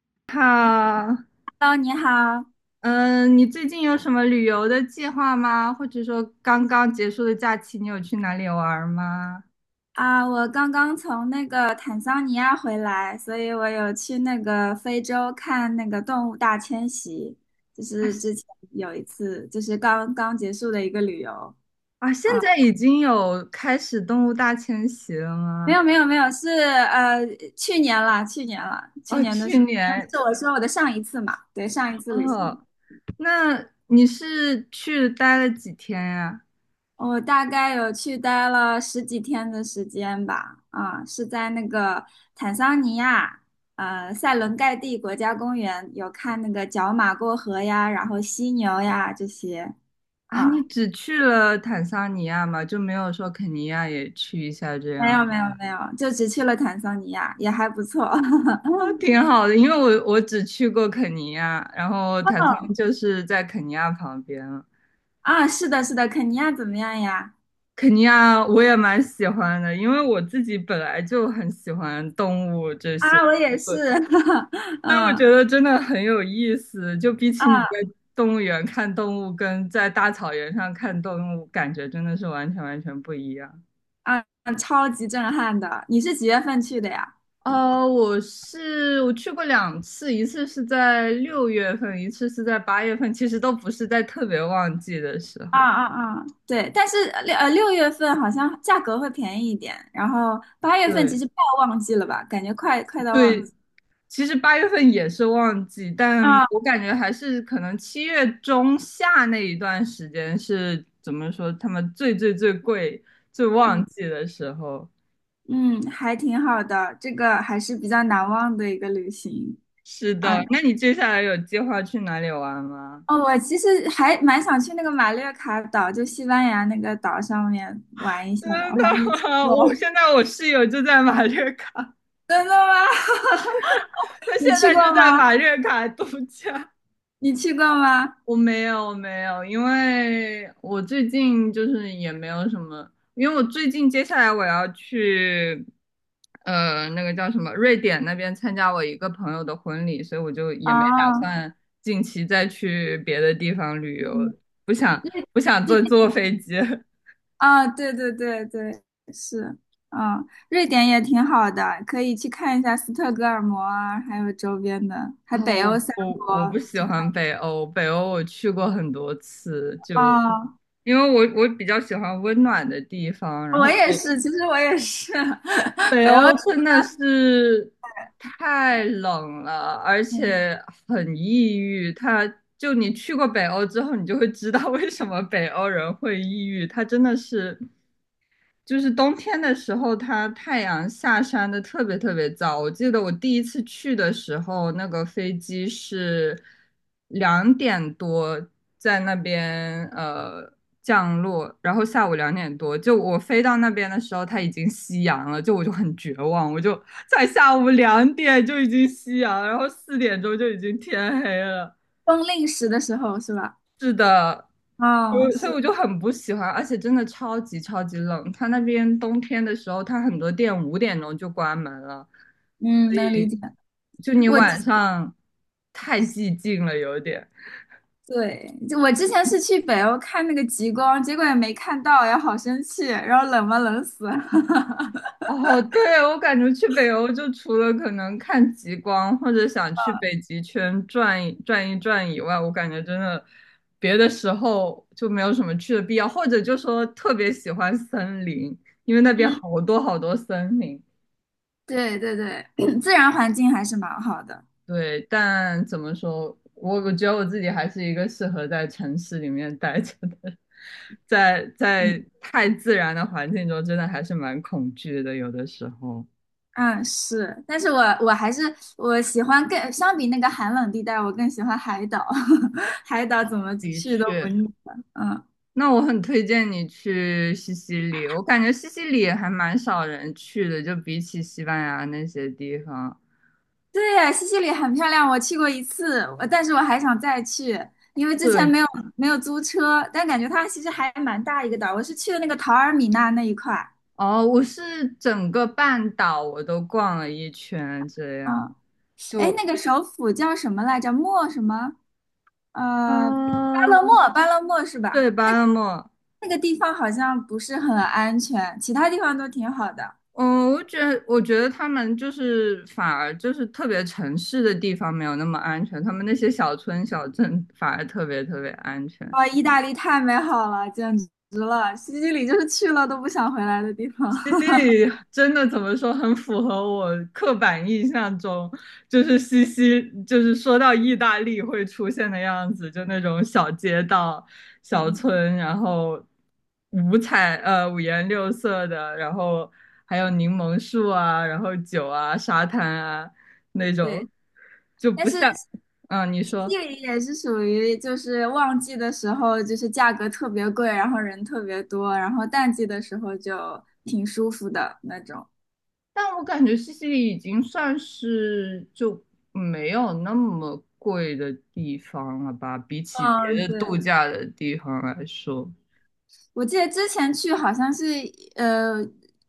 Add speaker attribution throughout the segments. Speaker 1: 你好，
Speaker 2: Hello，你好
Speaker 1: 嗯，你最近有什么旅游的计划吗？或者说刚刚结束的假期，你有去哪里玩儿吗？
Speaker 2: 啊，我刚刚从那个坦桑尼亚回来，所以我有去那个非洲看那个动物大迁徙，就
Speaker 1: 啊
Speaker 2: 是
Speaker 1: 是
Speaker 2: 之前有一次，就是刚刚结束的一个旅游
Speaker 1: 啊，现
Speaker 2: 啊。
Speaker 1: 在已经有开始动物大迁徙了
Speaker 2: 没
Speaker 1: 吗？
Speaker 2: 有没有没有，是去年了，去年了，去
Speaker 1: 哦，
Speaker 2: 年的是
Speaker 1: 去年
Speaker 2: 是我说我的上一次嘛，对，上一次旅行。
Speaker 1: 哦，那你是去待了几天呀？
Speaker 2: 我大概有去待了十几天的时间吧，啊，是在那个坦桑尼亚，塞伦盖蒂国家公园有看那个角马过河呀，然后犀牛呀这些。
Speaker 1: 啊，你
Speaker 2: 啊，
Speaker 1: 只去了坦桑尼亚吗？就没有说肯尼亚也去一下这
Speaker 2: 没
Speaker 1: 样？
Speaker 2: 有没有没有，就只去了坦桑尼亚，也还不错。
Speaker 1: 啊，挺好的，因为我只去过肯尼亚，然后坦
Speaker 2: 哦，
Speaker 1: 桑就是在肯尼亚旁边。
Speaker 2: 啊，是的，是的，肯尼亚怎么样呀？
Speaker 1: 肯尼亚我也蛮喜欢的，因为我自己本来就很喜欢动物这些，
Speaker 2: 啊，我也是。
Speaker 1: 所以我觉
Speaker 2: 嗯
Speaker 1: 得真的很有意思。就比起你在
Speaker 2: 啊
Speaker 1: 动物园看动物，跟在大草原上看动物，感觉真的是完全完全不一样。
Speaker 2: 啊啊，超级震撼的。你是几月份去的呀？
Speaker 1: 我去过两次，一次是在六月份，一次是在八月份，其实都不是在特别旺季的时
Speaker 2: 啊
Speaker 1: 候。
Speaker 2: 啊啊，对，但是六月份好像价格会便宜一点，然后八月份其
Speaker 1: 对，
Speaker 2: 实快要旺季了吧，感觉快到旺
Speaker 1: 对，
Speaker 2: 季
Speaker 1: 其实八月份也是旺季，但
Speaker 2: 啊。
Speaker 1: 我感觉还是可能七月中下那一段时间是怎么说，他们最最最贵、最
Speaker 2: 嗯
Speaker 1: 旺季的时候。
Speaker 2: 嗯，还挺好的，这个还是比较难忘的一个旅行
Speaker 1: 是
Speaker 2: 啊。
Speaker 1: 的，那你接下来有计划去哪里玩吗？
Speaker 2: 哦，我其实还蛮想去那个马略卡岛，就西班牙那个岛上面玩一 下，
Speaker 1: 真
Speaker 2: 我
Speaker 1: 的
Speaker 2: 还没去
Speaker 1: 吗？
Speaker 2: 过。
Speaker 1: 我现 在我室友就在马略卡，
Speaker 2: 真的吗？
Speaker 1: 他
Speaker 2: 你
Speaker 1: 现
Speaker 2: 去
Speaker 1: 在
Speaker 2: 过
Speaker 1: 就在
Speaker 2: 吗？
Speaker 1: 马略卡度假。
Speaker 2: 你去过吗？
Speaker 1: 我没有，因为我最近就是也没有什么，因为我最近接下来我要去，那个叫什么，瑞典那边参加我一个朋友的婚礼，所以我就也没打
Speaker 2: 啊，
Speaker 1: 算近期再去别的地方旅游，
Speaker 2: 嗯。
Speaker 1: 不想不想
Speaker 2: 瑞
Speaker 1: 坐飞机。
Speaker 2: 啊，对对对对，是，嗯，瑞典也挺好的，可以去看一下斯德哥尔摩啊，还有周边的，还
Speaker 1: 啊，
Speaker 2: 北欧
Speaker 1: 我
Speaker 2: 三
Speaker 1: 我我
Speaker 2: 国
Speaker 1: 不喜
Speaker 2: 去
Speaker 1: 欢
Speaker 2: 看。
Speaker 1: 北欧，北欧我去过很多次，就
Speaker 2: 哦，
Speaker 1: 因为我比较喜欢温暖的地方，然后
Speaker 2: 我也是，其实我也是，
Speaker 1: 北
Speaker 2: 北欧
Speaker 1: 欧
Speaker 2: 是，
Speaker 1: 真的是太冷了，而
Speaker 2: 嗯，
Speaker 1: 且很抑郁。它就你去过北欧之后，你就会知道为什么北欧人会抑郁。他真的是就是冬天的时候，它太阳下山的特别特别早。我记得我第一次去的时候，那个飞机是两点多在那边降落，然后下午两点多，就我飞到那边的时候，它已经夕阳了，就我就很绝望，我就在下午两点就已经夕阳，然后四点钟就已经天黑了。
Speaker 2: 冬令时的时候是吧？
Speaker 1: 是的，我
Speaker 2: 啊，
Speaker 1: 所以
Speaker 2: 是，
Speaker 1: 我就很不喜欢，而且真的超级超级冷。它那边冬天的时候，它很多店五点钟就关门了，所
Speaker 2: 嗯，能理
Speaker 1: 以
Speaker 2: 解。
Speaker 1: 就你
Speaker 2: 我
Speaker 1: 晚上太寂静了，有点。
Speaker 2: 对，就我之前是去北欧看那个极光，结果也没看到，呀，好生气，然后冷死。
Speaker 1: 哦，对，我感觉去北欧就除了可能看极光或者想去北极圈转一转以外，我感觉真的别的时候就没有什么去的必要，或者就说特别喜欢森林，因为那边
Speaker 2: 嗯，
Speaker 1: 好多好多森林。
Speaker 2: 对对对，自然环境还是蛮好的。
Speaker 1: 对，但怎么说，我觉得我自己还是一个适合在城市里面待着的，在
Speaker 2: 嗯。
Speaker 1: 在太自然的环境中，真的还是蛮恐惧的，有的时候。
Speaker 2: 嗯，是，但是我还是我喜欢更相比那个寒冷地带，我更喜欢海岛。海岛怎么
Speaker 1: 的
Speaker 2: 去都不
Speaker 1: 确，
Speaker 2: 腻的。嗯，
Speaker 1: 那我很推荐你去西西里，我感觉西西里还蛮少人去的，就比起西班牙那些地方。
Speaker 2: 对，西西里很漂亮，我去过一次，但是我还想再去，因为之前
Speaker 1: 对，
Speaker 2: 没有租车，但感觉它其实还蛮大一个岛。我是去的那个陶尔米纳那一块儿。
Speaker 1: 哦，我是整个半岛我都逛了一圈，这样
Speaker 2: 嗯，哎，
Speaker 1: 就，
Speaker 2: 那个首府叫什么来着？莫什么？巴勒
Speaker 1: 嗯、
Speaker 2: 莫，巴勒莫是吧？
Speaker 1: 对，巴勒莫。
Speaker 2: 那个地方好像不是很安全，其他地方都挺好的。
Speaker 1: 嗯，我觉得他们就是反而就是特别城市的地方没有那么安全，他们那些小村小镇反而特别特别安全。
Speaker 2: 哦，意大利太美好了，简直了！西西里就是去了都不想回来的地方。
Speaker 1: 西西 里真的怎么说，很符合我刻板印象中，就是就是说到意大利会出现的样子，就那种小街道、小
Speaker 2: 嗯，
Speaker 1: 村，然后五颜六色的，然后还有柠檬树啊，然后酒啊、沙滩啊那
Speaker 2: 对，
Speaker 1: 种，就
Speaker 2: 但
Speaker 1: 不
Speaker 2: 是
Speaker 1: 像，嗯，你
Speaker 2: 西
Speaker 1: 说。
Speaker 2: 西里也是属于就是旺季的时候，就是价格特别贵，然后人特别多，然后淡季的时候就挺舒服的那种。
Speaker 1: 但我感觉西西里已经算是就没有那么贵的地方了吧，比起别
Speaker 2: 嗯，
Speaker 1: 的
Speaker 2: 对。
Speaker 1: 度假的地方来说。
Speaker 2: 我记得之前去好像是呃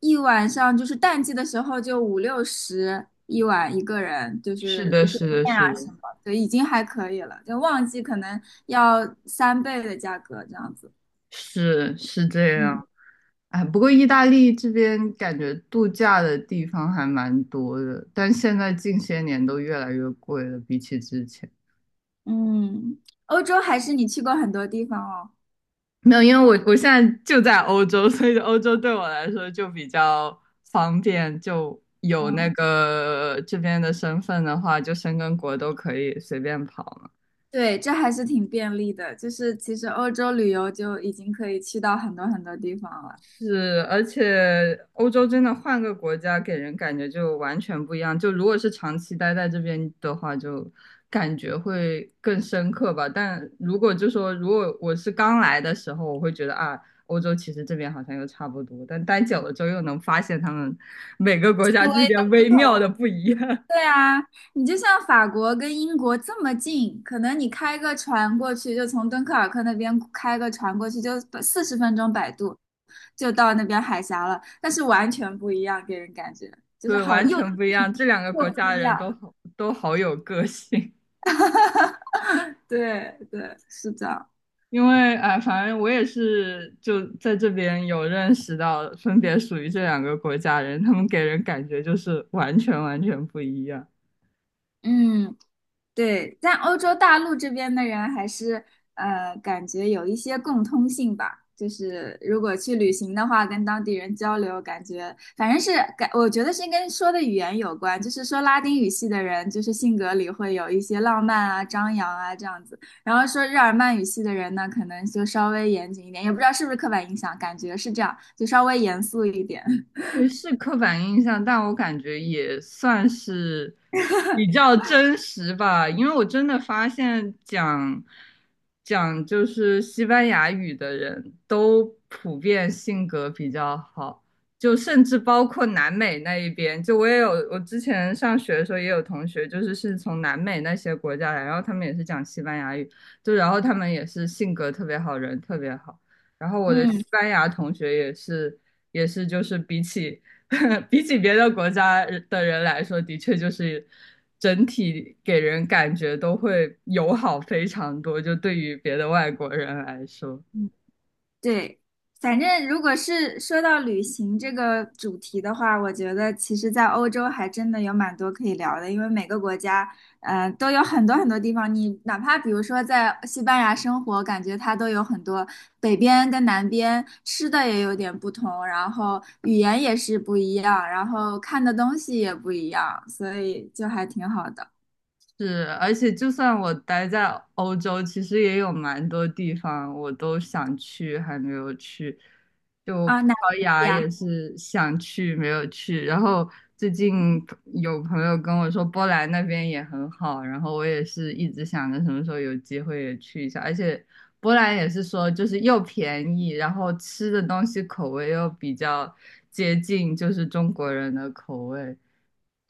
Speaker 2: 一晚上，就是淡季的时候就五六十一晚一个人，就
Speaker 1: 是
Speaker 2: 是
Speaker 1: 的，
Speaker 2: 酒
Speaker 1: 是的，
Speaker 2: 店啊
Speaker 1: 是的，
Speaker 2: 什么，对，已经还可以了。就旺季可能要三倍的价格这样子。
Speaker 1: 是是这样。
Speaker 2: 嗯
Speaker 1: 哎，不过意大利这边感觉度假的地方还蛮多的，但现在近些年都越来越贵了，比起之前。
Speaker 2: 嗯，欧洲还是你去过很多地方哦。
Speaker 1: 没有，因为我现在就在欧洲，所以欧洲对我来说就比较方便，就有那
Speaker 2: 嗯，
Speaker 1: 个这边的身份的话，就申根国都可以随便跑了。
Speaker 2: 对，这还是挺便利的，就是其实欧洲旅游就已经可以去到很多很多地方了，
Speaker 1: 是，而且欧洲真的换个国家，给人感觉就完全不一样。就如果是长期待在这边的话，就感觉会更深刻吧。但如果就说，如果我是刚来的时候，我会觉得啊，欧洲其实这边好像又差不多。但待久了之后，又能发现他们每个国家
Speaker 2: 因为。
Speaker 1: 之间
Speaker 2: 不
Speaker 1: 微妙
Speaker 2: 同。
Speaker 1: 的不一样，
Speaker 2: 对啊，你就像法国跟英国这么近，可能你开个船过去，就从敦刻尔克那边开个船过去，就40分钟摆渡就到那边海峡了，但是完全不一样，给人感觉 就是
Speaker 1: 对，
Speaker 2: 好
Speaker 1: 完
Speaker 2: 又
Speaker 1: 全不一样。这两个
Speaker 2: 又
Speaker 1: 国
Speaker 2: 不
Speaker 1: 家
Speaker 2: 一
Speaker 1: 的人
Speaker 2: 样。
Speaker 1: 都好，都好有个性。
Speaker 2: 对对，是的，
Speaker 1: 因为哎，反正我也是就在这边有认识到，分别属于这两个国家人，他们给人感觉就是完全完全不一样。
Speaker 2: 嗯，对，但欧洲大陆这边的人还是感觉有一些共通性吧。就是如果去旅行的话，跟当地人交流，感觉反正是我觉得是跟说的语言有关。就是说拉丁语系的人，就是性格里会有一些浪漫啊、张扬啊这样子。然后说日耳曼语系的人呢，可能就稍微严谨一点，也不知道是不是刻板印象，感觉是这样，就稍微严肃一点。
Speaker 1: 也是刻板印象，但我感觉也算是比较真实吧，因为我真的发现讲就是西班牙语的人都普遍性格比较好，就甚至包括南美那一边，就我也有我之前上学的时候也有同学，就是是从南美那些国家来，然后他们也是讲西班牙语，就然后他们也是性格特别好，人特别好。然后 我的
Speaker 2: 嗯。
Speaker 1: 西班牙同学也是，也是就是比起 比起别的国家的人来说，的确就是整体给人感觉都会友好非常多，就对于别的外国人来说。
Speaker 2: 对，反正如果是说到旅行这个主题的话，我觉得其实，在欧洲还真的有蛮多可以聊的，因为每个国家，都有很多很多地方。你哪怕比如说在西班牙生活，感觉它都有很多北边跟南边吃的也有点不同，然后语言也是不一样，然后看的东西也不一样，所以就还挺好的
Speaker 1: 是，而且就算我待在欧洲，其实也有蛮多地方我都想去，还没有去。就
Speaker 2: 啊。
Speaker 1: 葡
Speaker 2: 哪
Speaker 1: 萄
Speaker 2: 里
Speaker 1: 牙也
Speaker 2: 呀？
Speaker 1: 是想去，没有去。然后最近有朋友跟我说波兰那边也很好，然后我也是一直想着什么时候有机会也去一下。而且波兰也是说就是又便宜，然后吃的东西口味又比较接近就是中国人的口味。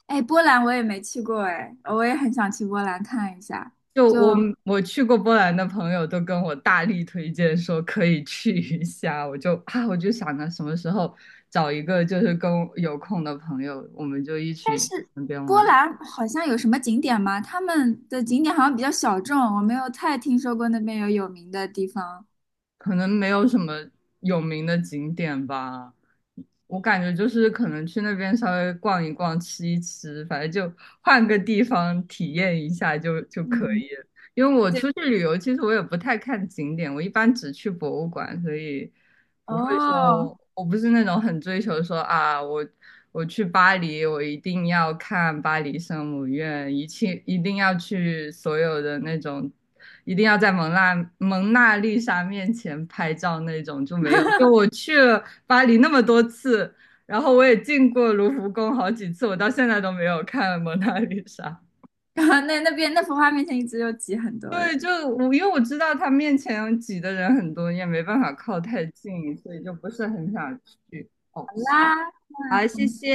Speaker 2: 哎，波兰我也没去过，哎，我也很想去波兰看一下。
Speaker 1: 就我
Speaker 2: 就
Speaker 1: 我去过波兰的朋友都跟我大力推荐说可以去一下，我就想着什么时候找一个就是跟我有空的朋友，我们就一起去那边
Speaker 2: 波
Speaker 1: 玩。
Speaker 2: 兰好像有什么景点吗？他们的景点好像比较小众，我没有太听说过那边有有名的地方。
Speaker 1: 可能没有什么有名的景点吧。我感觉就是可能去那边稍微逛一逛、吃一吃，反正就换个地方体验一下就可
Speaker 2: 嗯，
Speaker 1: 以了。因为我
Speaker 2: 对，
Speaker 1: 出去旅游，其实我也不太看景点，我一般只去博物馆，所以不会
Speaker 2: 哦，
Speaker 1: 说，我不是那种很追求说啊，我去巴黎，我一定要看巴黎圣母院，一切一定要去所有的那种一定要在蒙娜丽莎面前拍照那种就没有。就我去了巴黎那么多次，然后我也进过卢浮宫好几次，我到现在都没有看蒙娜丽莎。
Speaker 2: 那边那幅画面前一直有挤很多
Speaker 1: 对，就
Speaker 2: 人。
Speaker 1: 我因为我知道他面前挤的人很多，也没办法靠太近，所以就不是很想去。哦，
Speaker 2: 好啦，
Speaker 1: 好，
Speaker 2: 那我
Speaker 1: 谢
Speaker 2: 们
Speaker 1: 谢，